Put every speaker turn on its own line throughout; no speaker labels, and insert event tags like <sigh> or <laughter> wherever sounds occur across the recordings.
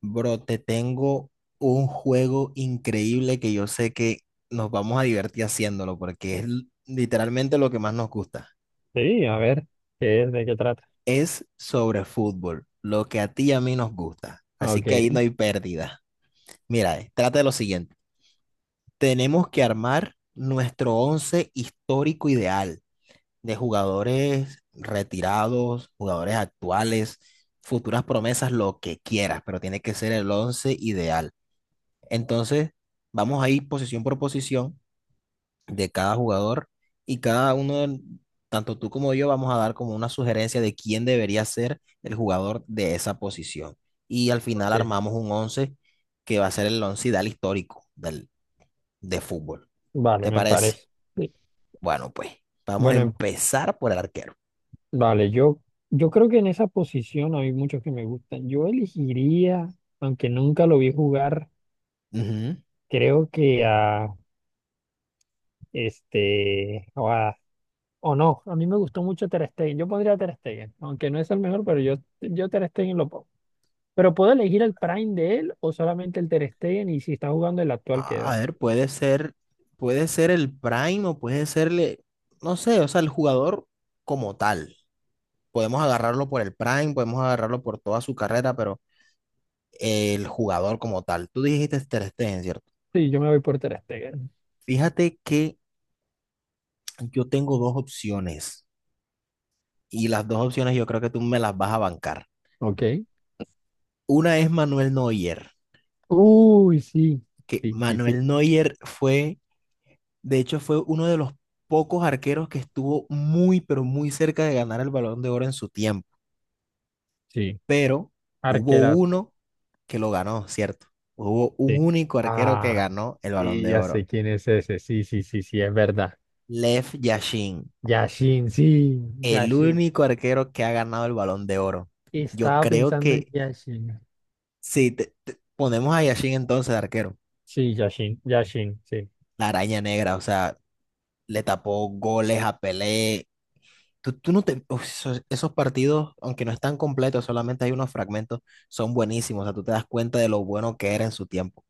Bro, te tengo un juego increíble que yo sé que nos vamos a divertir haciéndolo porque es literalmente lo que más nos gusta.
Sí, a ver, ¿qué es? ¿De qué trata?
Es sobre fútbol, lo que a ti y a mí nos gusta. Así que ahí
Ok,
no hay pérdida. Mira, trata de lo siguiente. Tenemos que armar nuestro once histórico ideal de jugadores retirados, jugadores actuales, futuras promesas, lo que quieras, pero tiene que ser el once ideal. Entonces, vamos a ir posición por posición de cada jugador y cada uno, tanto tú como yo, vamos a dar como una sugerencia de quién debería ser el jugador de esa posición. Y al final
ok.
armamos un 11 que va a ser el once ideal histórico de fútbol.
Vale,
¿Te
me
parece?
parece. Sí.
Bueno, pues vamos a
Bueno,
empezar por el arquero.
vale, yo creo que en esa posición hay muchos que me gustan. Yo elegiría, aunque nunca lo vi jugar,
Ujú.
creo que a este, o, a- o no, a mí me gustó mucho Ter Stegen. Yo pondría a Ter Stegen, aunque no es el mejor, yo Ter Stegen lo pongo. Pero ¿puedo elegir el Prime de él o solamente el Ter Stegen y si está jugando el actual
A
queda?
a ver, puede ser el prime o puede serle, no sé, o sea, el jugador como tal. Podemos agarrarlo por el prime, podemos agarrarlo por toda su carrera, pero el jugador como tal, tú dijiste Ter Stegen, ¿cierto?
Sí, yo me voy por Ter Stegen.
Fíjate que yo tengo dos opciones y las dos opciones yo creo que tú me las vas a bancar.
Ok.
Una es Manuel Neuer,
Uy, sí,
que
sí, sí, sí,
Manuel Neuer fue, de hecho, fue uno de los pocos arqueros que estuvo muy, pero muy cerca de ganar el Balón de Oro en su tiempo,
sí,
pero hubo
arquerazo,
uno que lo ganó, ¿cierto? Hubo un
sí.
único arquero que
Ah,
ganó el Balón
sí,
de
ya
Oro.
sé quién es ese, sí, sí, sí, sí, es verdad.
Lev Yashin,
Yashin, sí,
el
Yashin.
único arquero que ha ganado el Balón de Oro. Yo
Estaba
creo
pensando en
que
Yashin.
si ponemos a Yashin entonces de arquero,
Sí, Yashin, Yashin, sí.
la araña negra, o sea, le tapó goles a Pelé. Tú no te, uf, esos partidos, aunque no están completos, solamente hay unos fragmentos, son buenísimos. O sea, tú te das cuenta de lo bueno que era en su tiempo.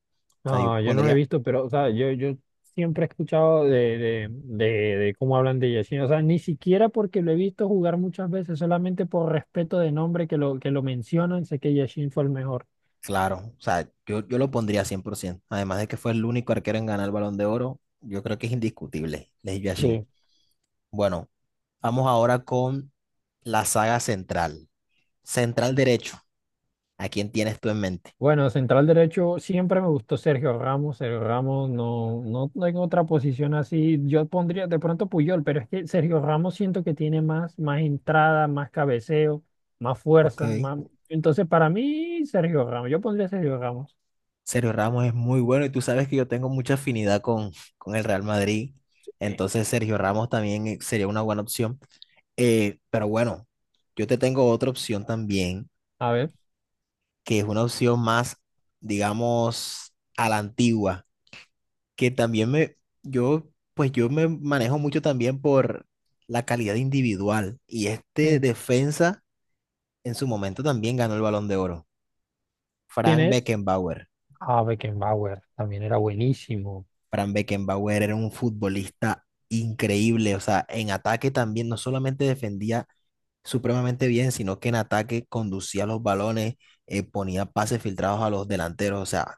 O sea, yo
No, yo no lo he
pondría,
visto, pero, o sea, yo siempre he escuchado de cómo hablan de Yashin. O sea, ni siquiera porque lo he visto jugar muchas veces, solamente por respeto de nombre que que lo mencionan, sé que Yashin fue el mejor.
claro, o sea, yo lo pondría 100%. Además de que fue el único arquero en ganar el Balón de Oro, yo creo que es indiscutible, Lev Yashin.
Sí.
Bueno, vamos ahora con la saga central. Central derecho. ¿A quién tienes tú en mente?
Bueno, central derecho siempre me gustó Sergio Ramos. Sergio Ramos no tengo otra posición así. Yo pondría de pronto Puyol, pero es que Sergio Ramos siento que tiene más, más entrada, más cabeceo, más
Ok.
fuerza, más. Entonces, para mí, Sergio Ramos. Yo pondría Sergio Ramos.
Sergio Ramos es muy bueno y tú sabes que yo tengo mucha afinidad con el Real Madrid.
Sí.
Entonces Sergio Ramos también sería una buena opción. Pero bueno, yo te tengo otra opción también,
A ver,
que es una opción más, digamos, a la antigua, que también me, yo, pues yo me manejo mucho también por la calidad individual. Y este
sí.
defensa en su momento también ganó el Balón de Oro.
¿Quién
Frank
es?
Beckenbauer.
Ah, Beckenbauer. También era buenísimo.
Frank Beckenbauer era un futbolista increíble, o sea, en ataque también no solamente defendía supremamente bien, sino que en ataque conducía los balones, ponía pases filtrados a los delanteros, o sea,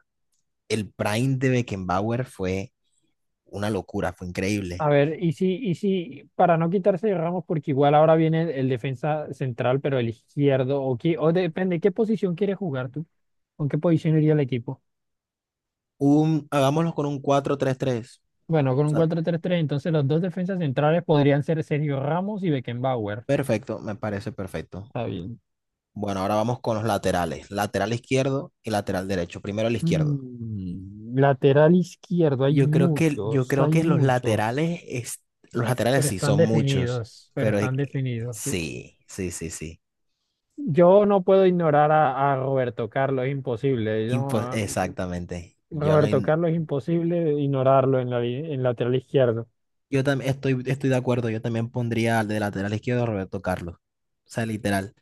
el prime de Beckenbauer fue una locura, fue
A
increíble.
ver, y si, para no quitarse de Ramos, porque igual ahora viene el defensa central, pero el izquierdo, o depende, ¿qué posición quieres jugar tú? ¿Con qué posición iría el equipo?
Un, hagámoslo con un 4-3-3.
Bueno, con
O
un
sea,
cuatro tres tres, entonces los dos defensas centrales podrían ser Sergio Ramos y Beckenbauer.
perfecto, me parece perfecto.
Está bien.
Bueno, ahora vamos con los laterales, lateral izquierdo y lateral derecho. Primero el izquierdo.
Lateral izquierdo,
Yo creo que, yo creo
hay
que los
muchos,
laterales, los laterales sí son muchos,
pero
pero
están definidos, sí.
sí, sí, sí, sí.
Yo no puedo ignorar a Roberto Carlos, es imposible.
Exactamente. Yo no,
Roberto Carlos es imposible ignorarlo en en lateral izquierdo.
yo también estoy, estoy de acuerdo. Yo también pondría al de lateral izquierdo a Roberto Carlos. O sea, literal.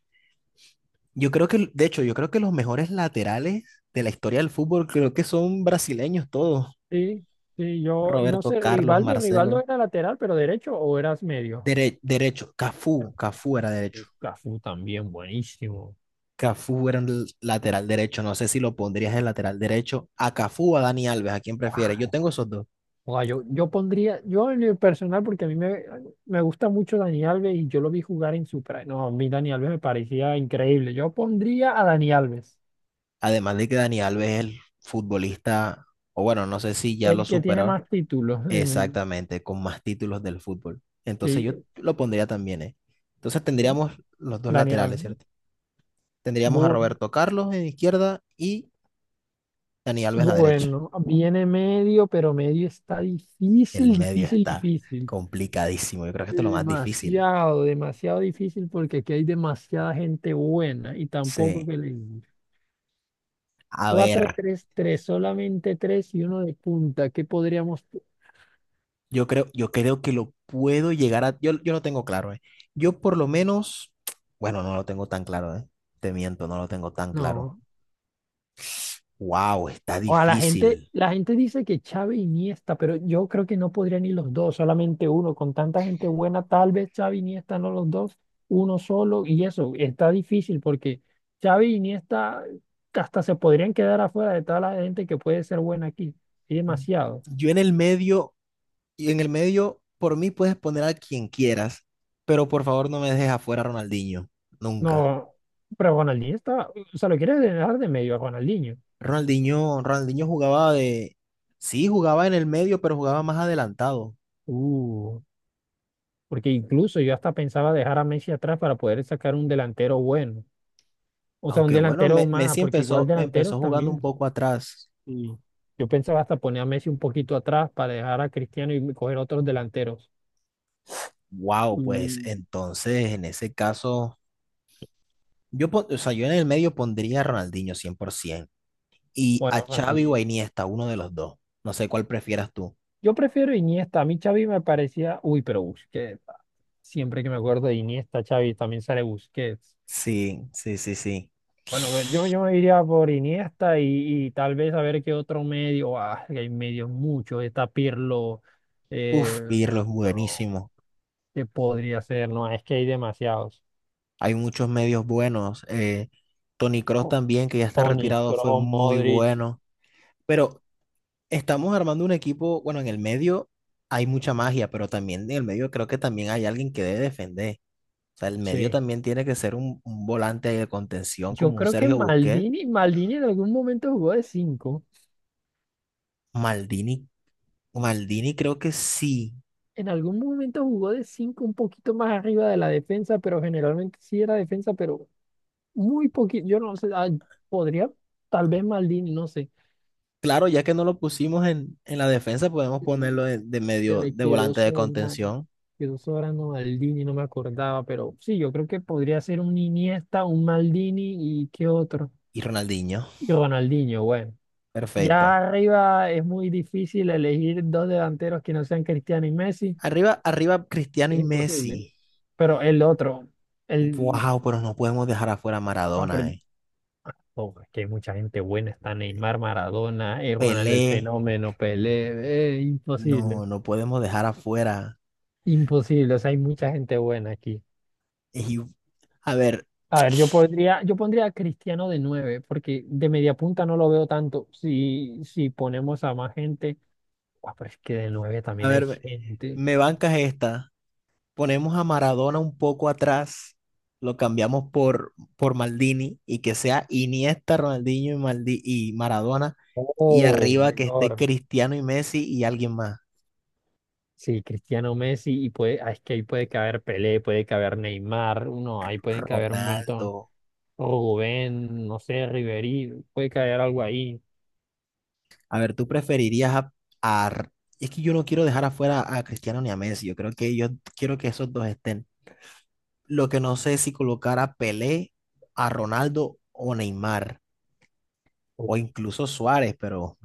Yo creo que, de hecho, yo creo que los mejores laterales de la historia del fútbol creo que son brasileños todos.
Sí, sí, yo no
Roberto
sé,
Carlos,
Rivaldo, Rivaldo
Marcelo,
era lateral, pero derecho o eras medio.
derecho, Cafú, Cafú era derecho.
Uf, Cafú también, buenísimo.
Cafú era el lateral derecho. No sé si lo pondrías en lateral derecho. A Cafú o a Dani Alves, ¿a quién prefieres? Yo tengo esos dos.
Yo pondría, yo en el personal, porque me gusta mucho Dani Alves y yo lo vi jugar en su prime. No, a mí Dani Alves me parecía increíble. Yo pondría a Dani Alves,
Además de que Dani Alves es el futbolista, o bueno, no sé si ya lo
el que tiene
superó
más títulos.
exactamente, con más títulos del fútbol. Entonces yo
Sí,
lo pondría también, ¿eh? Entonces tendríamos los dos
Dani
laterales,
Alves.
¿cierto? Tendríamos a
Bueno,
Roberto Carlos en izquierda y Dani Alves en la derecha.
bueno, viene medio, pero medio está
El
difícil,
medio
difícil,
está
difícil.
complicadísimo. Yo creo que esto es lo más difícil.
Demasiado, demasiado difícil porque aquí hay demasiada gente buena y tampoco
Sí.
que le
A ver.
4 3 3 solamente 3 y uno de punta. ¿Qué podríamos?
Yo creo que lo puedo llegar a. Yo lo tengo claro, ¿eh? Yo por lo menos. Bueno, no lo tengo tan claro, ¿eh? Te miento, no lo tengo tan claro.
No.
¡Wow! Está
O a
difícil.
la gente dice que Xavi y Iniesta, pero yo creo que no podría ni los dos, solamente uno. Con tanta gente buena, tal vez Xavi y Iniesta no los dos, uno solo. Y eso está difícil porque Xavi y Iniesta hasta se podrían quedar afuera de toda la gente que puede ser buena aquí. Hay demasiado.
Yo en el medio, y en el medio, por mí puedes poner a quien quieras, pero por favor no me dejes afuera a Ronaldinho. Nunca.
No, pero Ronaldinho está. O sea, lo quieres dejar de medio a Ronaldinho.
Ronaldinho jugaba de. Sí, jugaba en el medio, pero jugaba más adelantado.
Uh. Porque incluso yo hasta pensaba dejar a Messi atrás para poder sacar un delantero bueno. O sea, un
Aunque bueno,
delantero más,
Messi
porque igual
empezó,
delanteros
empezó jugando un
también.
poco atrás.
Y yo pensaba hasta poner a Messi un poquito atrás para dejar a Cristiano y coger otros delanteros.
Wow, pues
Y
entonces en ese caso, yo, o sea, yo en el medio pondría a Ronaldinho 100% y
bueno,
a
en
Xavi o
realidad,
a Iniesta, uno de los dos. No sé cuál prefieras tú.
yo prefiero Iniesta. A mí Xavi me parecía, uy, pero Busquets. Siempre que me acuerdo de Iniesta, Xavi, también sale Busquets.
Sí, sí, sí, sí.
Bueno, pues, yo me iría por Iniesta y tal vez a ver qué otro medio. Ah, que hay medios muchos. Está Pirlo. eh,
Uf, Pirlo es
no,
buenísimo.
¿qué podría ser? No, es que hay demasiados.
Hay muchos medios buenos. Toni Kroos también, que ya está
Toni
retirado, fue
Kroos,
muy
Modric.
bueno. Pero estamos armando un equipo, bueno, en el medio hay mucha magia, pero también en el medio creo que también hay alguien que debe defender. O sea, el medio
Sí.
también tiene que ser un volante de contención
Yo
como un
creo que
Sergio Busquets.
Maldini en algún momento jugó de cinco.
Maldini, Maldini creo que sí.
En algún momento jugó de 5, un poquito más arriba de la defensa, pero generalmente sí era defensa, pero muy poquito. Yo no sé. Podría, tal vez Maldini, no sé.
Claro, ya que no lo pusimos en la defensa, podemos ponerlo de
Que
medio
me
de volante de contención.
quedó sobrando Maldini, no me acordaba, pero sí, yo creo que podría ser un Iniesta, un Maldini y qué otro.
Y Ronaldinho,
Y Ronaldinho, bueno. Ya
perfecto.
arriba es muy difícil elegir dos delanteros que no sean Cristiano y Messi,
Arriba, arriba Cristiano y
es imposible.
Messi.
Pero el otro, el...
Wow, pero no podemos dejar afuera a
ah, pero-
Maradona, eh.
ah, oh, es que hay mucha gente buena, está Neymar, Maradona, Ronaldo el
Pelé,
Fenómeno, Pelé, imposible,
no, no podemos dejar afuera.
imposible, o sea, hay mucha gente buena aquí.
Y- a ver,
A ver, yo pondría a Cristiano de 9 porque de media punta no lo veo tanto. Si ponemos a más gente, guau, pero es que de 9
a
también hay
ver, me,
gente.
me bancas esta. Ponemos a Maradona un poco atrás, lo cambiamos por Maldini y que sea Iniesta, Ronaldinho y, y Maradona y
Oh,
arriba que esté
mejor.
Cristiano y Messi y alguien más,
Sí, Cristiano Messi, y puede, ah, es que ahí puede caber Pelé, puede caber Neymar, no, ahí pueden caber un montón.
Ronaldo.
Rubén, no sé, Ribery, puede caber algo ahí.
A ver, ¿tú preferirías a, a- Es que yo no quiero dejar afuera a Cristiano ni a Messi, yo creo que yo quiero que esos dos estén. Lo que no sé es si colocar a Pelé, a Ronaldo o Neymar o incluso Suárez, pero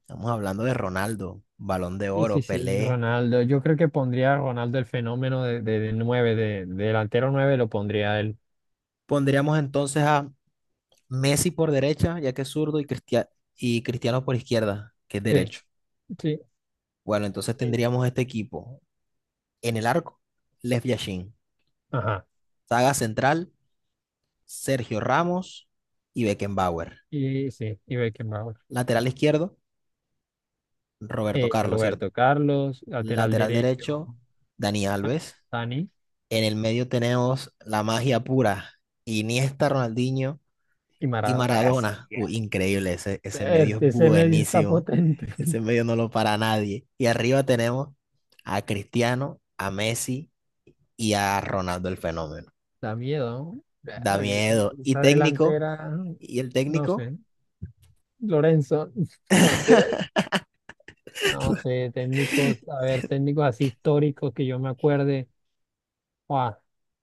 estamos hablando de Ronaldo, Balón de
Sí, sí,
Oro,
sí,
Pelé.
Ronaldo. Yo creo que pondría a Ronaldo el fenómeno de 9, de delantero 9 lo pondría a él.
Pondríamos entonces a Messi por derecha, ya que es zurdo, y, y Cristiano por izquierda, que es
Sí,
derecho.
sí.
Bueno, entonces
eh,
tendríamos este equipo. En el arco, Lev Yashin.
Ajá.
Saga central, Sergio Ramos y Beckenbauer.
Y sí, y Beckenbauer.
Lateral izquierdo, Roberto Carlos, ¿cierto?
Roberto Carlos, lateral
Lateral
derecho,
derecho, Dani
ah,
Alves.
Dani
En el medio tenemos la magia pura, Iniesta, Ronaldinho
y
y
Maradona.
Maradona,
Bestia.
increíble, ese medio es
Ese medio está
buenísimo.
potente. <laughs>
Ese medio no lo para nadie. Y arriba tenemos a Cristiano, a Messi y a Ronaldo el Fenómeno.
Da miedo, ¿no?
Da
Verga,
miedo. Y
esa
técnico,
delantera,
y el
no
técnico,
sé. Lorenzo, <laughs> no, entera. No sé, técnicos, a ver, técnicos así históricos que yo me acuerde. Buah,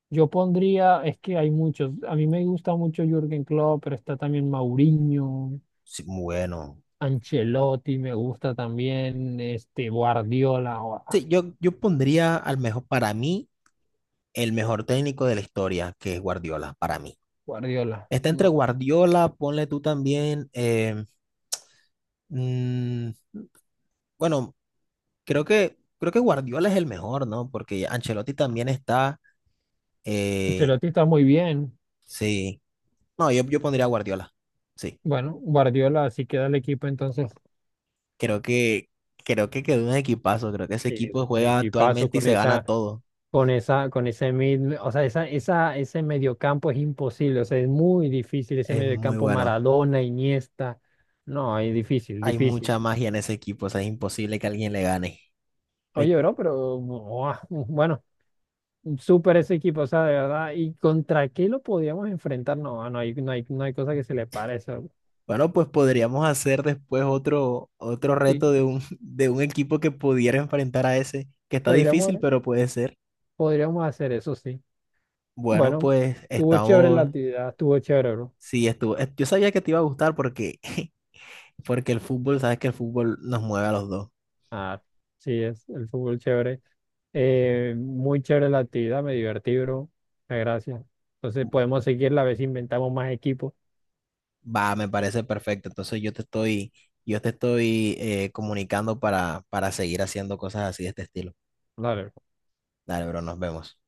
yo pondría, es que hay muchos. A mí me gusta mucho Jürgen Klopp, pero está también Mourinho.
sí, bueno.
Ancelotti me gusta también, este
Sí, yo pondría al mejor, para mí, el mejor técnico de la historia, que es Guardiola, para mí.
Guardiola.
Está entre
No,
Guardiola, ponle tú también, mm, bueno, creo que, creo que Guardiola es el mejor, ¿no? Porque Ancelotti también está. eh,
Ancelotti está muy bien.
sí. No, yo pondría a Guardiola. Sí.
Bueno, Guardiola así queda el equipo entonces.
Creo que, creo que quedó un equipazo. Creo que ese equipo
Un
juega
equipazo
actualmente y
con
se gana todo.
con esa, con ese mid, o sea, ese mediocampo es imposible, o sea, es muy difícil ese
Es muy
mediocampo
bueno.
Maradona, Iniesta. No, es difícil,
Hay
difícil.
mucha magia en ese equipo. O sea, es imposible que alguien le gane.
Oye,
Eh,
bro, pero buah, bueno, súper ese equipo, o sea, de verdad. ¿Y contra qué lo podíamos enfrentar? No, no hay cosa que se le pare.
Bueno, pues podríamos hacer después otro, otro reto
Sí,
de un, <laughs> de un equipo que pudiera enfrentar a ese, que está
podríamos,
difícil, pero puede ser.
podríamos hacer eso, sí.
Bueno,
Bueno,
pues
estuvo chévere la
estamos.
actividad, estuvo chévere, bro.
Sí, estuvo. Yo sabía que te iba a gustar porque, <laughs> porque el fútbol, sabes que el fútbol nos mueve a los dos.
Ah, sí, es el fútbol chévere. Muy chévere la actividad, me divertí, bro. Muchas gracias. Entonces podemos seguir la vez si inventamos más equipos.
Va, me parece perfecto. Entonces yo te estoy comunicando para seguir haciendo cosas así de este estilo.
Dale, bro.
Dale, bro, nos vemos.